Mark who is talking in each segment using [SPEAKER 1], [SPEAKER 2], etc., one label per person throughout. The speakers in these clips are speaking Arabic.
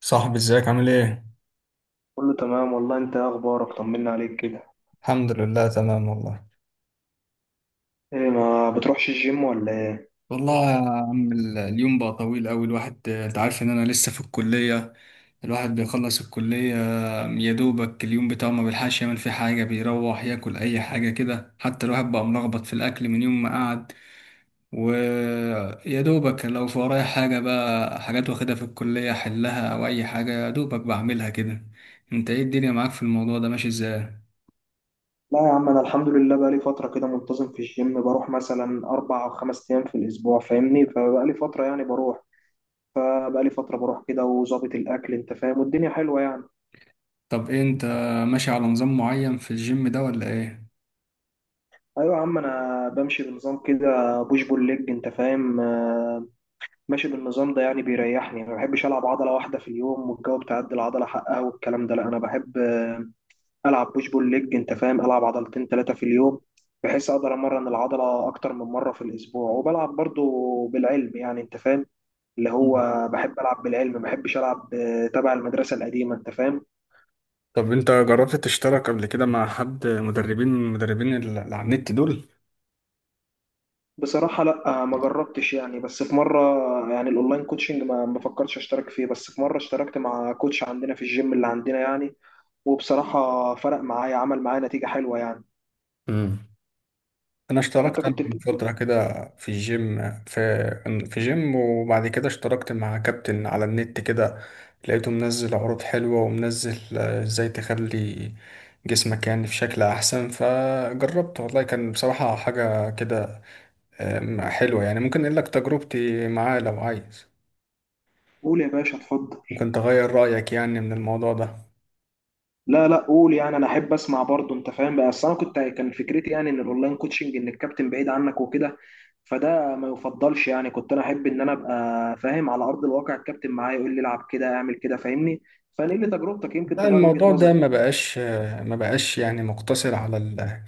[SPEAKER 1] صاحبي ازيك عامل ايه؟
[SPEAKER 2] كله تمام والله. انت ايه اخبارك؟ طمنا عليك كده.
[SPEAKER 1] الحمد لله تمام والله.
[SPEAKER 2] ايه، ما بتروحش الجيم ولا ايه؟
[SPEAKER 1] والله يا عم اليوم بقى طويل قوي. الواحد انت عارف ان انا لسه في الكلية. الواحد بيخلص الكلية يا دوبك اليوم بتاعه ما بيلحقش يعمل فيه حاجة، بيروح ياكل اي حاجة كده. حتى الواحد بقى ملخبط في الاكل من يوم ما قعد. ويا دوبك لو في ورايا حاجة بقى، حاجات واخدها في الكلية احلها او اي حاجة يا دوبك بعملها كده. انت ايه الدنيا معاك في الموضوع ده ماشي ازاي؟
[SPEAKER 2] لا يا عم، انا الحمد لله بقالي فتره كده منتظم في الجيم، بروح مثلا 4 او 5 ايام في الاسبوع، فاهمني، فبقالي فتره يعني بروح. فبقالي فتره بروح كده، وظابط الاكل انت فاهم، والدنيا حلوه يعني.
[SPEAKER 1] طب إيه انت ماشي على نظام معين في الجيم ده ولا ايه؟
[SPEAKER 2] ايوه يا عم، انا بمشي بنظام كده، بوش بول ليج، انت فاهم، ماشي بالنظام ده. يعني بيريحني، ما بحبش العب عضله واحده في اليوم والجو بتاع العضله حقها والكلام ده. لا انا بحب العب بوش بول ليج، انت فاهم، العب عضلتين ثلاثه في اليوم، بحيث اقدر امرن العضله اكتر من مره في الاسبوع، وبلعب برضو بالعلم يعني، انت فاهم، اللي هو
[SPEAKER 1] مم.
[SPEAKER 2] بحب العب بالعلم، ما بحبش العب تبع المدرسه القديمه، انت فاهم.
[SPEAKER 1] طب انت جربت تشترك قبل كده مع حد مدربين من المدربين اللي على النت دول؟
[SPEAKER 2] بصراحه لا، ما جربتش يعني، بس في مره. يعني الاونلاين كوتشنج ما فكرتش اشترك فيه، بس في مره اشتركت مع كوتش عندنا في الجيم اللي عندنا يعني، وبصراحه فرق معايا، عمل معايا نتيجه حلوه يعني.
[SPEAKER 1] امم، انا
[SPEAKER 2] انت
[SPEAKER 1] اشتركت انا
[SPEAKER 2] كنت
[SPEAKER 1] من فترة كده في الجيم، في جيم، وبعد كده اشتركت مع كابتن على النت كده. لقيته منزل عروض حلوة، ومنزل ازاي تخلي جسمك يعني في شكل احسن. فجربت والله، كان بصراحة حاجة كده حلوة يعني. ممكن اقول لك تجربتي معاه لو عايز؟
[SPEAKER 2] بتقول إيه يا باشا؟ اتفضل.
[SPEAKER 1] ممكن تغير رأيك يعني من الموضوع ده.
[SPEAKER 2] لا لا، قول يعني، انا احب اسمع برضه، انت فاهم بقى، اصل انا كنت، كان فكرتي يعني ان الاونلاين كوتشنج ان الكابتن بعيد عنك وكده، فده ما يفضلش يعني. كنت انا احب ان انا ابقى فاهم على ارض الواقع، الكابتن معايا يقول لي العب كده اعمل كده، فاهمني، فنقل لي تجربتك يمكن
[SPEAKER 1] لا،
[SPEAKER 2] تغير وجهة
[SPEAKER 1] الموضوع ده
[SPEAKER 2] نظرك.
[SPEAKER 1] ما بقاش يعني مقتصر على ال-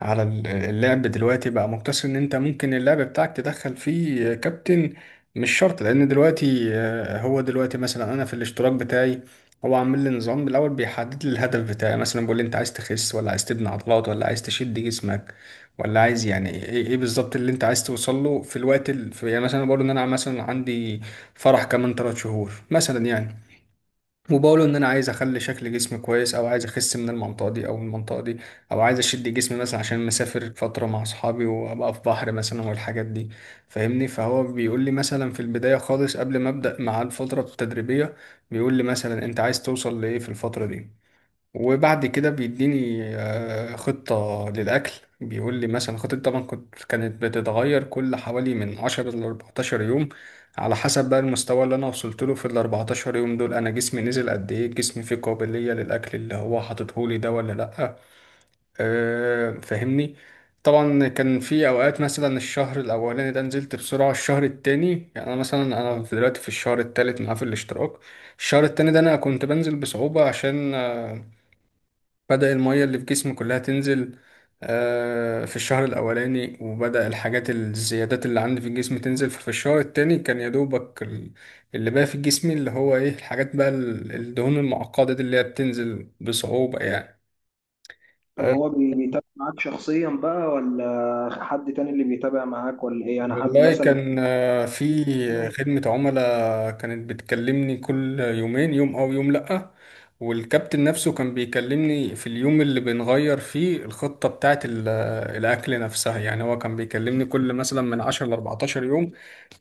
[SPEAKER 1] على ال- اللعب دلوقتي. بقى مقتصر ان انت ممكن اللعب بتاعك تدخل فيه كابتن، مش شرط. لان دلوقتي هو دلوقتي مثلا انا في الاشتراك بتاعي، هو عامل لي نظام. بالاول بيحدد لي الهدف بتاعي، مثلا بيقول لي انت عايز تخس ولا عايز تبني عضلات ولا عايز تشد جسمك ولا عايز يعني ايه، إيه بالظبط اللي انت عايز توصل له في الوقت. يعني مثلا بقول ان انا مثلا عندي فرح كمان 3 شهور مثلا يعني. وبقوله ان انا عايز اخلي شكل جسمي كويس، او عايز اخس من المنطقه دي او من المنطقه دي، او عايز اشد جسمي مثلا عشان مسافر فتره مع اصحابي وابقى في بحر مثلا والحاجات دي، فاهمني. فهو بيقول لي مثلا في البدايه خالص قبل ما ابدا مع الفتره التدريبيه، بيقول لي مثلا انت عايز توصل لايه في الفتره دي. وبعد كده بيديني خطة للأكل. بيقول لي مثلا خطة، طبعا كانت بتتغير كل حوالي من 10 أيام ل 14 يوم، على حسب بقى المستوى اللي أنا وصلت له. في ال 14 يوم دول أنا جسمي نزل قد إيه، جسمي فيه قابلية للأكل اللي هو حاططهولي ده ولا لأ، أه فاهمني. طبعا كان في أوقات مثلا الشهر الأولاني ده نزلت بسرعة، الشهر التاني يعني، أنا مثلا أنا دلوقتي في الشهر التالت معاه في الاشتراك. الشهر التاني ده أنا كنت بنزل بصعوبة، عشان بدأ المية اللي في جسمي كلها تنزل في الشهر الأولاني. وبدأ الحاجات الزيادات اللي عندي في الجسم تنزل. ففي الشهر التاني كان يا دوبك اللي بقى في جسمي، اللي هو إيه، الحاجات بقى الدهون المعقدة دي اللي هي بتنزل بصعوبة يعني.
[SPEAKER 2] طب هو بيتابع معاك شخصيا بقى، ولا حد تاني اللي بيتابع معاك، ولا ايه يعني، حد
[SPEAKER 1] والله
[SPEAKER 2] مثلا؟
[SPEAKER 1] كان في خدمة عملاء كانت بتكلمني كل يومين، يوم أو يوم لأ. والكابتن نفسه كان بيكلمني في اليوم اللي بنغير فيه الخطة بتاعة الأكل نفسها، يعني هو كان بيكلمني كل مثلا من 10 ل 14 يوم.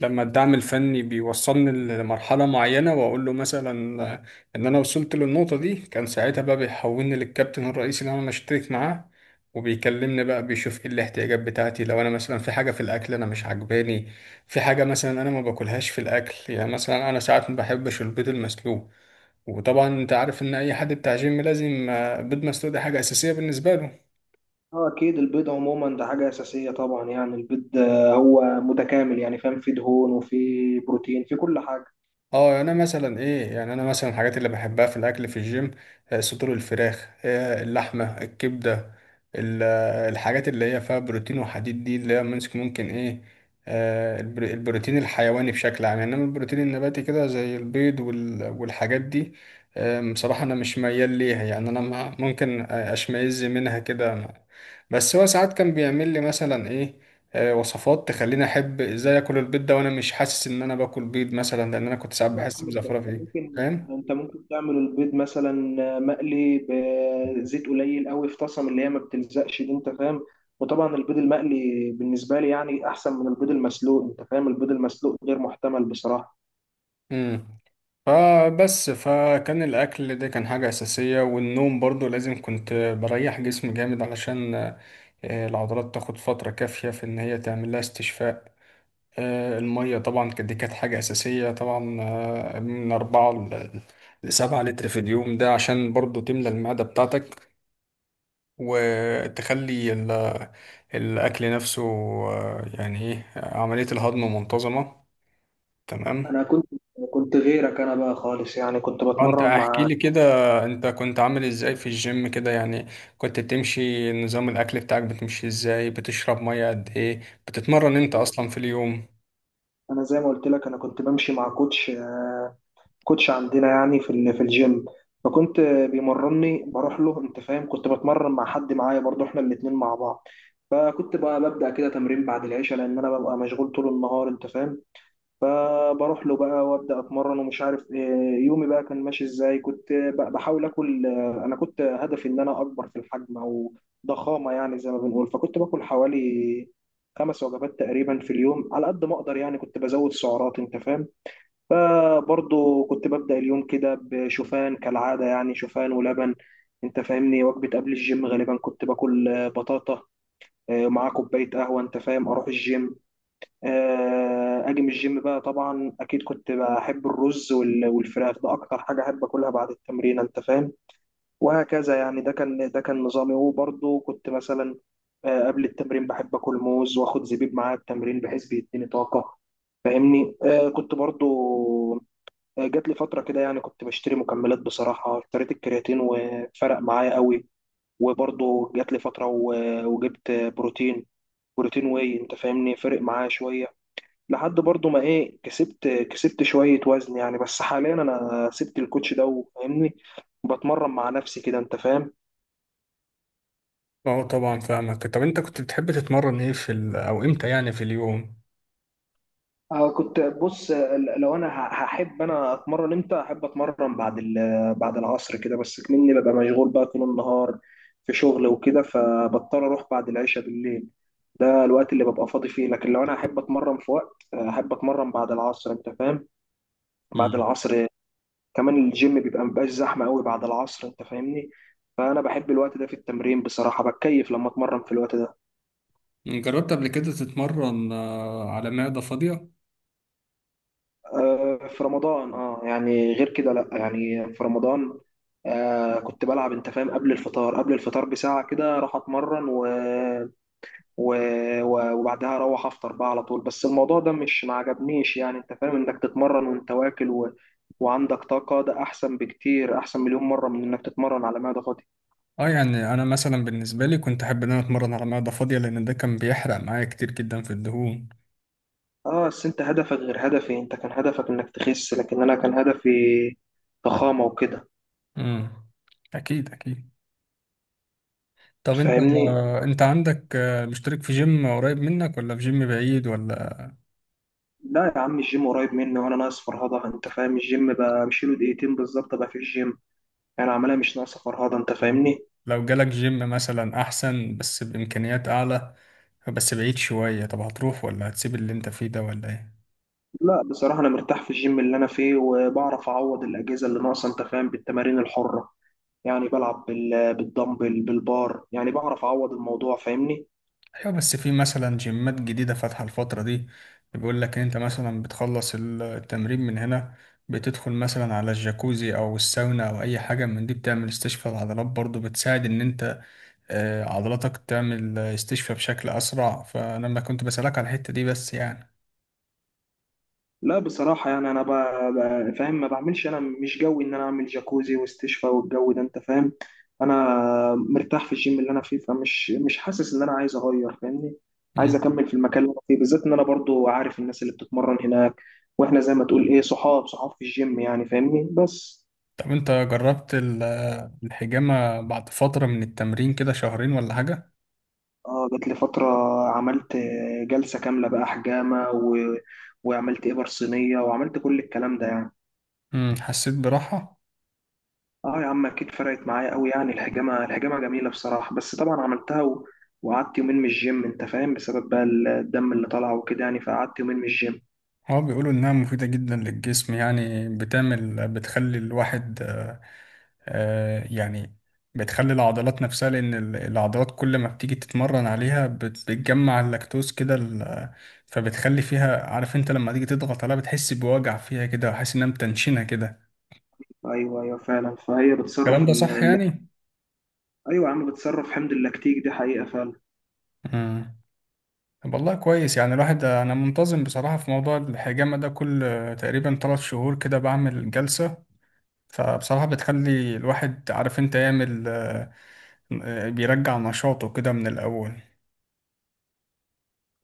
[SPEAKER 1] لما الدعم الفني بيوصلني لمرحلة معينة، وأقول له مثلا إن أنا وصلت للنقطة دي، كان ساعتها بقى بيحولني للكابتن الرئيسي اللي أنا بشترك معاه. وبيكلمني بقى، بيشوف ايه الاحتياجات بتاعتي، لو انا مثلا في حاجه في الاكل انا مش عجباني، في حاجه مثلا انا ما باكلهاش في الاكل. يعني مثلا انا ساعات ما بحبش البيض المسلوق، وطبعا انت عارف ان اي حد بتاع جيم لازم بيض مسلوق ده حاجه اساسيه بالنسبه له.
[SPEAKER 2] اه اكيد، البيض عموما ده حاجه اساسيه طبعا يعني. البيض هو متكامل يعني، فاهم، فيه دهون وفيه بروتين، في كل حاجه.
[SPEAKER 1] اه انا مثلا ايه، يعني انا مثلا الحاجات اللي بحبها في الاكل في الجيم صدور الفراخ، اللحمه، الكبده، الحاجات اللي هي فيها بروتين وحديد دي، اللي هي ممكن، ممكن ايه، البروتين الحيواني بشكل عام. انما البروتين النباتي كده زي البيض والحاجات دي، بصراحه انا مش ميال ليها يعني. انا ممكن اشمئز منها كده. بس هو ساعات كان بيعمل لي مثلا ايه، وصفات تخليني احب ازاي اكل البيض ده، وانا مش حاسس ان انا باكل بيض مثلا، لان انا كنت ساعات
[SPEAKER 2] ايوه يا
[SPEAKER 1] بحس
[SPEAKER 2] عم، انت
[SPEAKER 1] بزفرة
[SPEAKER 2] أنت
[SPEAKER 1] فيه
[SPEAKER 2] ممكن،
[SPEAKER 1] فاهم.
[SPEAKER 2] انت ممكن تعمل البيض مثلا مقلي بزيت قليل قوي في طاسه من اللي هي ما بتلزقش دي، انت فاهم. وطبعا البيض المقلي بالنسبه لي يعني احسن من البيض المسلوق، انت فاهم، البيض المسلوق غير محتمل بصراحه.
[SPEAKER 1] امم، فبس فكان الاكل ده كان حاجة اساسية. والنوم برضو لازم، كنت بريح جسمي جامد علشان العضلات تاخد فترة كافية في ان هي تعمل لها استشفاء. المية طبعا دي كانت حاجة اساسية طبعا، من اربعة لسبعة لتر في اليوم، ده عشان برضو تملى المعدة بتاعتك، وتخلي الأكل نفسه يعني إيه عملية الهضم منتظمة.
[SPEAKER 2] انا
[SPEAKER 1] تمام.
[SPEAKER 2] كنت غيرك انا بقى خالص يعني، كنت
[SPEAKER 1] أنت
[SPEAKER 2] بتمرن
[SPEAKER 1] احكي
[SPEAKER 2] مع...
[SPEAKER 1] لي كده، أنت كنت عامل إزاي في الجيم كده يعني، كنت بتمشي نظام الأكل بتاعك، بتمشي إزاي، بتشرب مية قد إيه، بتتمرن أنت أصلا في اليوم؟
[SPEAKER 2] انا زي ما قلت لك، انا كنت بمشي مع كوتش، كوتش عندنا يعني في في الجيم، فكنت بيمرني، بروح له، انت فاهم. كنت بتمرن مع حد معايا برضه، احنا الاتنين مع بعض. فكنت بقى ببدأ كده تمرين بعد العشاء، لأن أنا ببقى مشغول طول النهار، أنت فاهم. فبروح له بقى وأبدأ أتمرن، ومش عارف إيه، يومي بقى كان ماشي إزاي. كنت بحاول آكل. أنا كنت هدفي إن أنا أكبر في الحجم، أو ضخامة يعني زي ما بنقول. فكنت باكل حوالي 5 وجبات تقريبا في اليوم، على قد ما أقدر يعني. كنت بزود سعرات، أنت فاهم. فبرضه كنت ببدأ اليوم كده بشوفان كالعادة، يعني شوفان ولبن، انت فاهمني. وجبة قبل الجيم غالبا كنت باكل بطاطا، مع كوباية قهوة، انت فاهم، اروح الجيم. اجي من الجيم بقى، طبعا اكيد كنت بحب الرز والفراخ، ده اكتر حاجة احب اكلها بعد التمرين، انت فاهم. وهكذا يعني، ده كان نظامي. وبرضه كنت مثلا قبل التمرين بحب اكل موز، واخد زبيب معايا التمرين بحيث بيديني طاقه، فاهمني. آه، كنت برضه آه، جات لي فتره كده، يعني كنت بشتري مكملات. بصراحه اشتريت الكرياتين وفرق معايا قوي. وبرضه جات لي فتره وجبت بروتين، بروتين واي، انت فاهمني، فرق معايا شويه، لحد برضه ما ايه، كسبت شويه وزن يعني. بس حاليا انا سبت الكوتش ده، وفاهمني بتمرن مع نفسي كده، انت فاهم.
[SPEAKER 1] اه طبعا فاهمك. طب أنت كنت بتحب تتمرن إيه في أو إمتى يعني في اليوم؟
[SPEAKER 2] آه، كنت بص لو انا هحب انا اتمرن امتى، احب اتمرن بعد بعد العصر كده. بس مني ببقى مشغول بقى طول النهار في شغل وكده، فبضطر اروح بعد العشاء بالليل، ده الوقت اللي ببقى فاضي فيه. لكن لو انا احب اتمرن في وقت، احب اتمرن بعد العصر، انت فاهم، بعد
[SPEAKER 1] مم.
[SPEAKER 2] العصر. كمان الجيم بيبقى مبقاش زحمه قوي بعد العصر، انت فاهمني، فانا بحب الوقت ده في التمرين بصراحه، بتكيف لما اتمرن في الوقت ده.
[SPEAKER 1] جربت قبل كده تتمرن على معدة فاضية؟
[SPEAKER 2] في رمضان اه، يعني غير كده لا، يعني في رمضان آه كنت بلعب، انت فاهم، قبل الفطار، قبل الفطار بساعة كده راح اتمرن و... وبعدها اروح افطر بقى على طول. بس الموضوع ده مش، ما عجبنيش يعني، انت فاهم انك تتمرن وانت واكل وعندك طاقة، ده احسن بكتير، احسن مليون مرة من انك تتمرن على معدة فاضية.
[SPEAKER 1] اه، يعني انا مثلا بالنسبه لي كنت احب ان انا اتمرن على معده فاضيه، لان ده كان بيحرق معايا كتير جدا في الدهون.
[SPEAKER 2] اه بس انت هدفك غير هدفي، انت كان هدفك انك تخس، لكن انا كان هدفي ضخامة وكده،
[SPEAKER 1] امم، اكيد اكيد. طب انت،
[SPEAKER 2] فاهمني.
[SPEAKER 1] انت عندك مشترك في جيم قريب منك ولا في جيم بعيد ولا؟
[SPEAKER 2] لا يا عم، الجيم قريب مني، وانا ناقص فرهضه، انت فاهم، الجيم بمشيله 2 دقيقة بالظبط ابقى في الجيم، انا عملها مش ناقصه فرهضه، انت فاهمني.
[SPEAKER 1] لو جالك جيم مثلا احسن بس بامكانيات اعلى، بس بعيد شويه، طب هتروح ولا هتسيب اللي انت فيه ده ولا ايه؟
[SPEAKER 2] لا بصراحه انا مرتاح في الجيم اللي انا فيه، وبعرف اعوض الاجهزه اللي ناقصه، انت فاهم، بالتمارين الحره يعني. بلعب بالدمبل بالبار، يعني بعرف اعوض الموضوع، فاهمني.
[SPEAKER 1] ايوه، بس في مثلا جيمات جديدة فاتحة الفترة دي، بيقول لك إن انت مثلا بتخلص التمرين من هنا، بتدخل مثلا على الجاكوزي او الساونا او اي حاجة من دي، بتعمل استشفاء العضلات، برضو بتساعد ان انت عضلاتك تعمل استشفاء بشكل اسرع. فانا ما كنت بسألك على الحتة دي بس يعني.
[SPEAKER 2] لا بصراحة يعني أنا فاهم، ما بعملش. أنا مش جوي إن أنا أعمل جاكوزي واستشفاء والجو ده، أنت فاهم. أنا مرتاح في الجيم اللي أنا فيه، فمش مش حاسس إن أنا عايز أغير، فاهمني. عايز
[SPEAKER 1] مم.
[SPEAKER 2] أكمل في المكان اللي أنا فيه، بالذات إن أنا برضو عارف الناس اللي بتتمرن هناك، وإحنا زي ما تقول إيه، صحاب صحاب في الجيم يعني، فاهمني بس.
[SPEAKER 1] طب انت جربت الحجامة بعد فترة من التمرين كده، شهرين ولا حاجة؟
[SPEAKER 2] آه، جات لي فترة عملت جلسة كاملة بقى حجامة، وعملت إبر صينية، وعملت كل الكلام ده يعني.
[SPEAKER 1] مم، حسيت براحة؟
[SPEAKER 2] اه يا عم اكيد، فرقت معايا قوي يعني. الحجامه، الحجامه جميله بصراحه. بس طبعا عملتها وقعدت 2 يوم من الجيم، انت فاهم، بسبب بقى الدم اللي طلع وكده يعني، فقعدت 2 يوم من الجيم.
[SPEAKER 1] اه بيقولوا انها مفيدة جدا للجسم، يعني بتعمل بتخلي الواحد آه، يعني بتخلي العضلات نفسها. لان العضلات كل ما بتيجي تتمرن عليها بتجمع اللاكتوز كده فبتخلي فيها، عارف انت لما تيجي تضغط عليها بتحس بوجع فيها كده، وحاسس انها متنشنة كده.
[SPEAKER 2] ايوه، ايوه فعلا، فهي
[SPEAKER 1] الكلام
[SPEAKER 2] بتصرف
[SPEAKER 1] ده صح يعني؟
[SPEAKER 2] ايوه يا عم، بتصرف حمض اللاكتيك، دي حقيقه فعلا.
[SPEAKER 1] امم. طب والله كويس يعني. الواحد انا منتظم بصراحة في موضوع الحجامة ده، كل تقريبا 3 شهور كده بعمل جلسة. فبصراحة بتخلي الواحد، عارف انت يعمل، بيرجع نشاطه كده من الأول.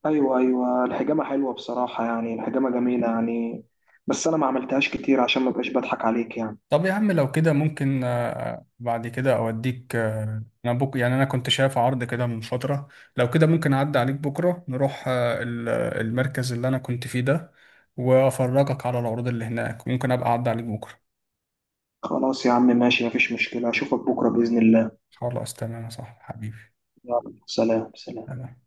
[SPEAKER 2] ايوه ايوه، الحجامه حلوه بصراحه يعني، الحجامه جميله يعني. بس انا ما عملتهاش كتير عشان ما بقاش بضحك عليك يعني.
[SPEAKER 1] طب يا عم لو كده ممكن بعد كده أوديك، آه، أنا بك يعني أنا كنت شايف عرض كده من فترة، لو كده ممكن أعدي عليك بكرة نروح المركز اللي أنا كنت فيه ده، وأفرجك على العروض اللي هناك. ممكن أبقى أعدي عليك بكرة.
[SPEAKER 2] خلاص يا عم، ماشي، مفيش مشكله، اشوفك بكره باذن الله.
[SPEAKER 1] خلاص تمام يا صاحبي حبيبي.
[SPEAKER 2] يلا، سلام سلام.
[SPEAKER 1] تمام.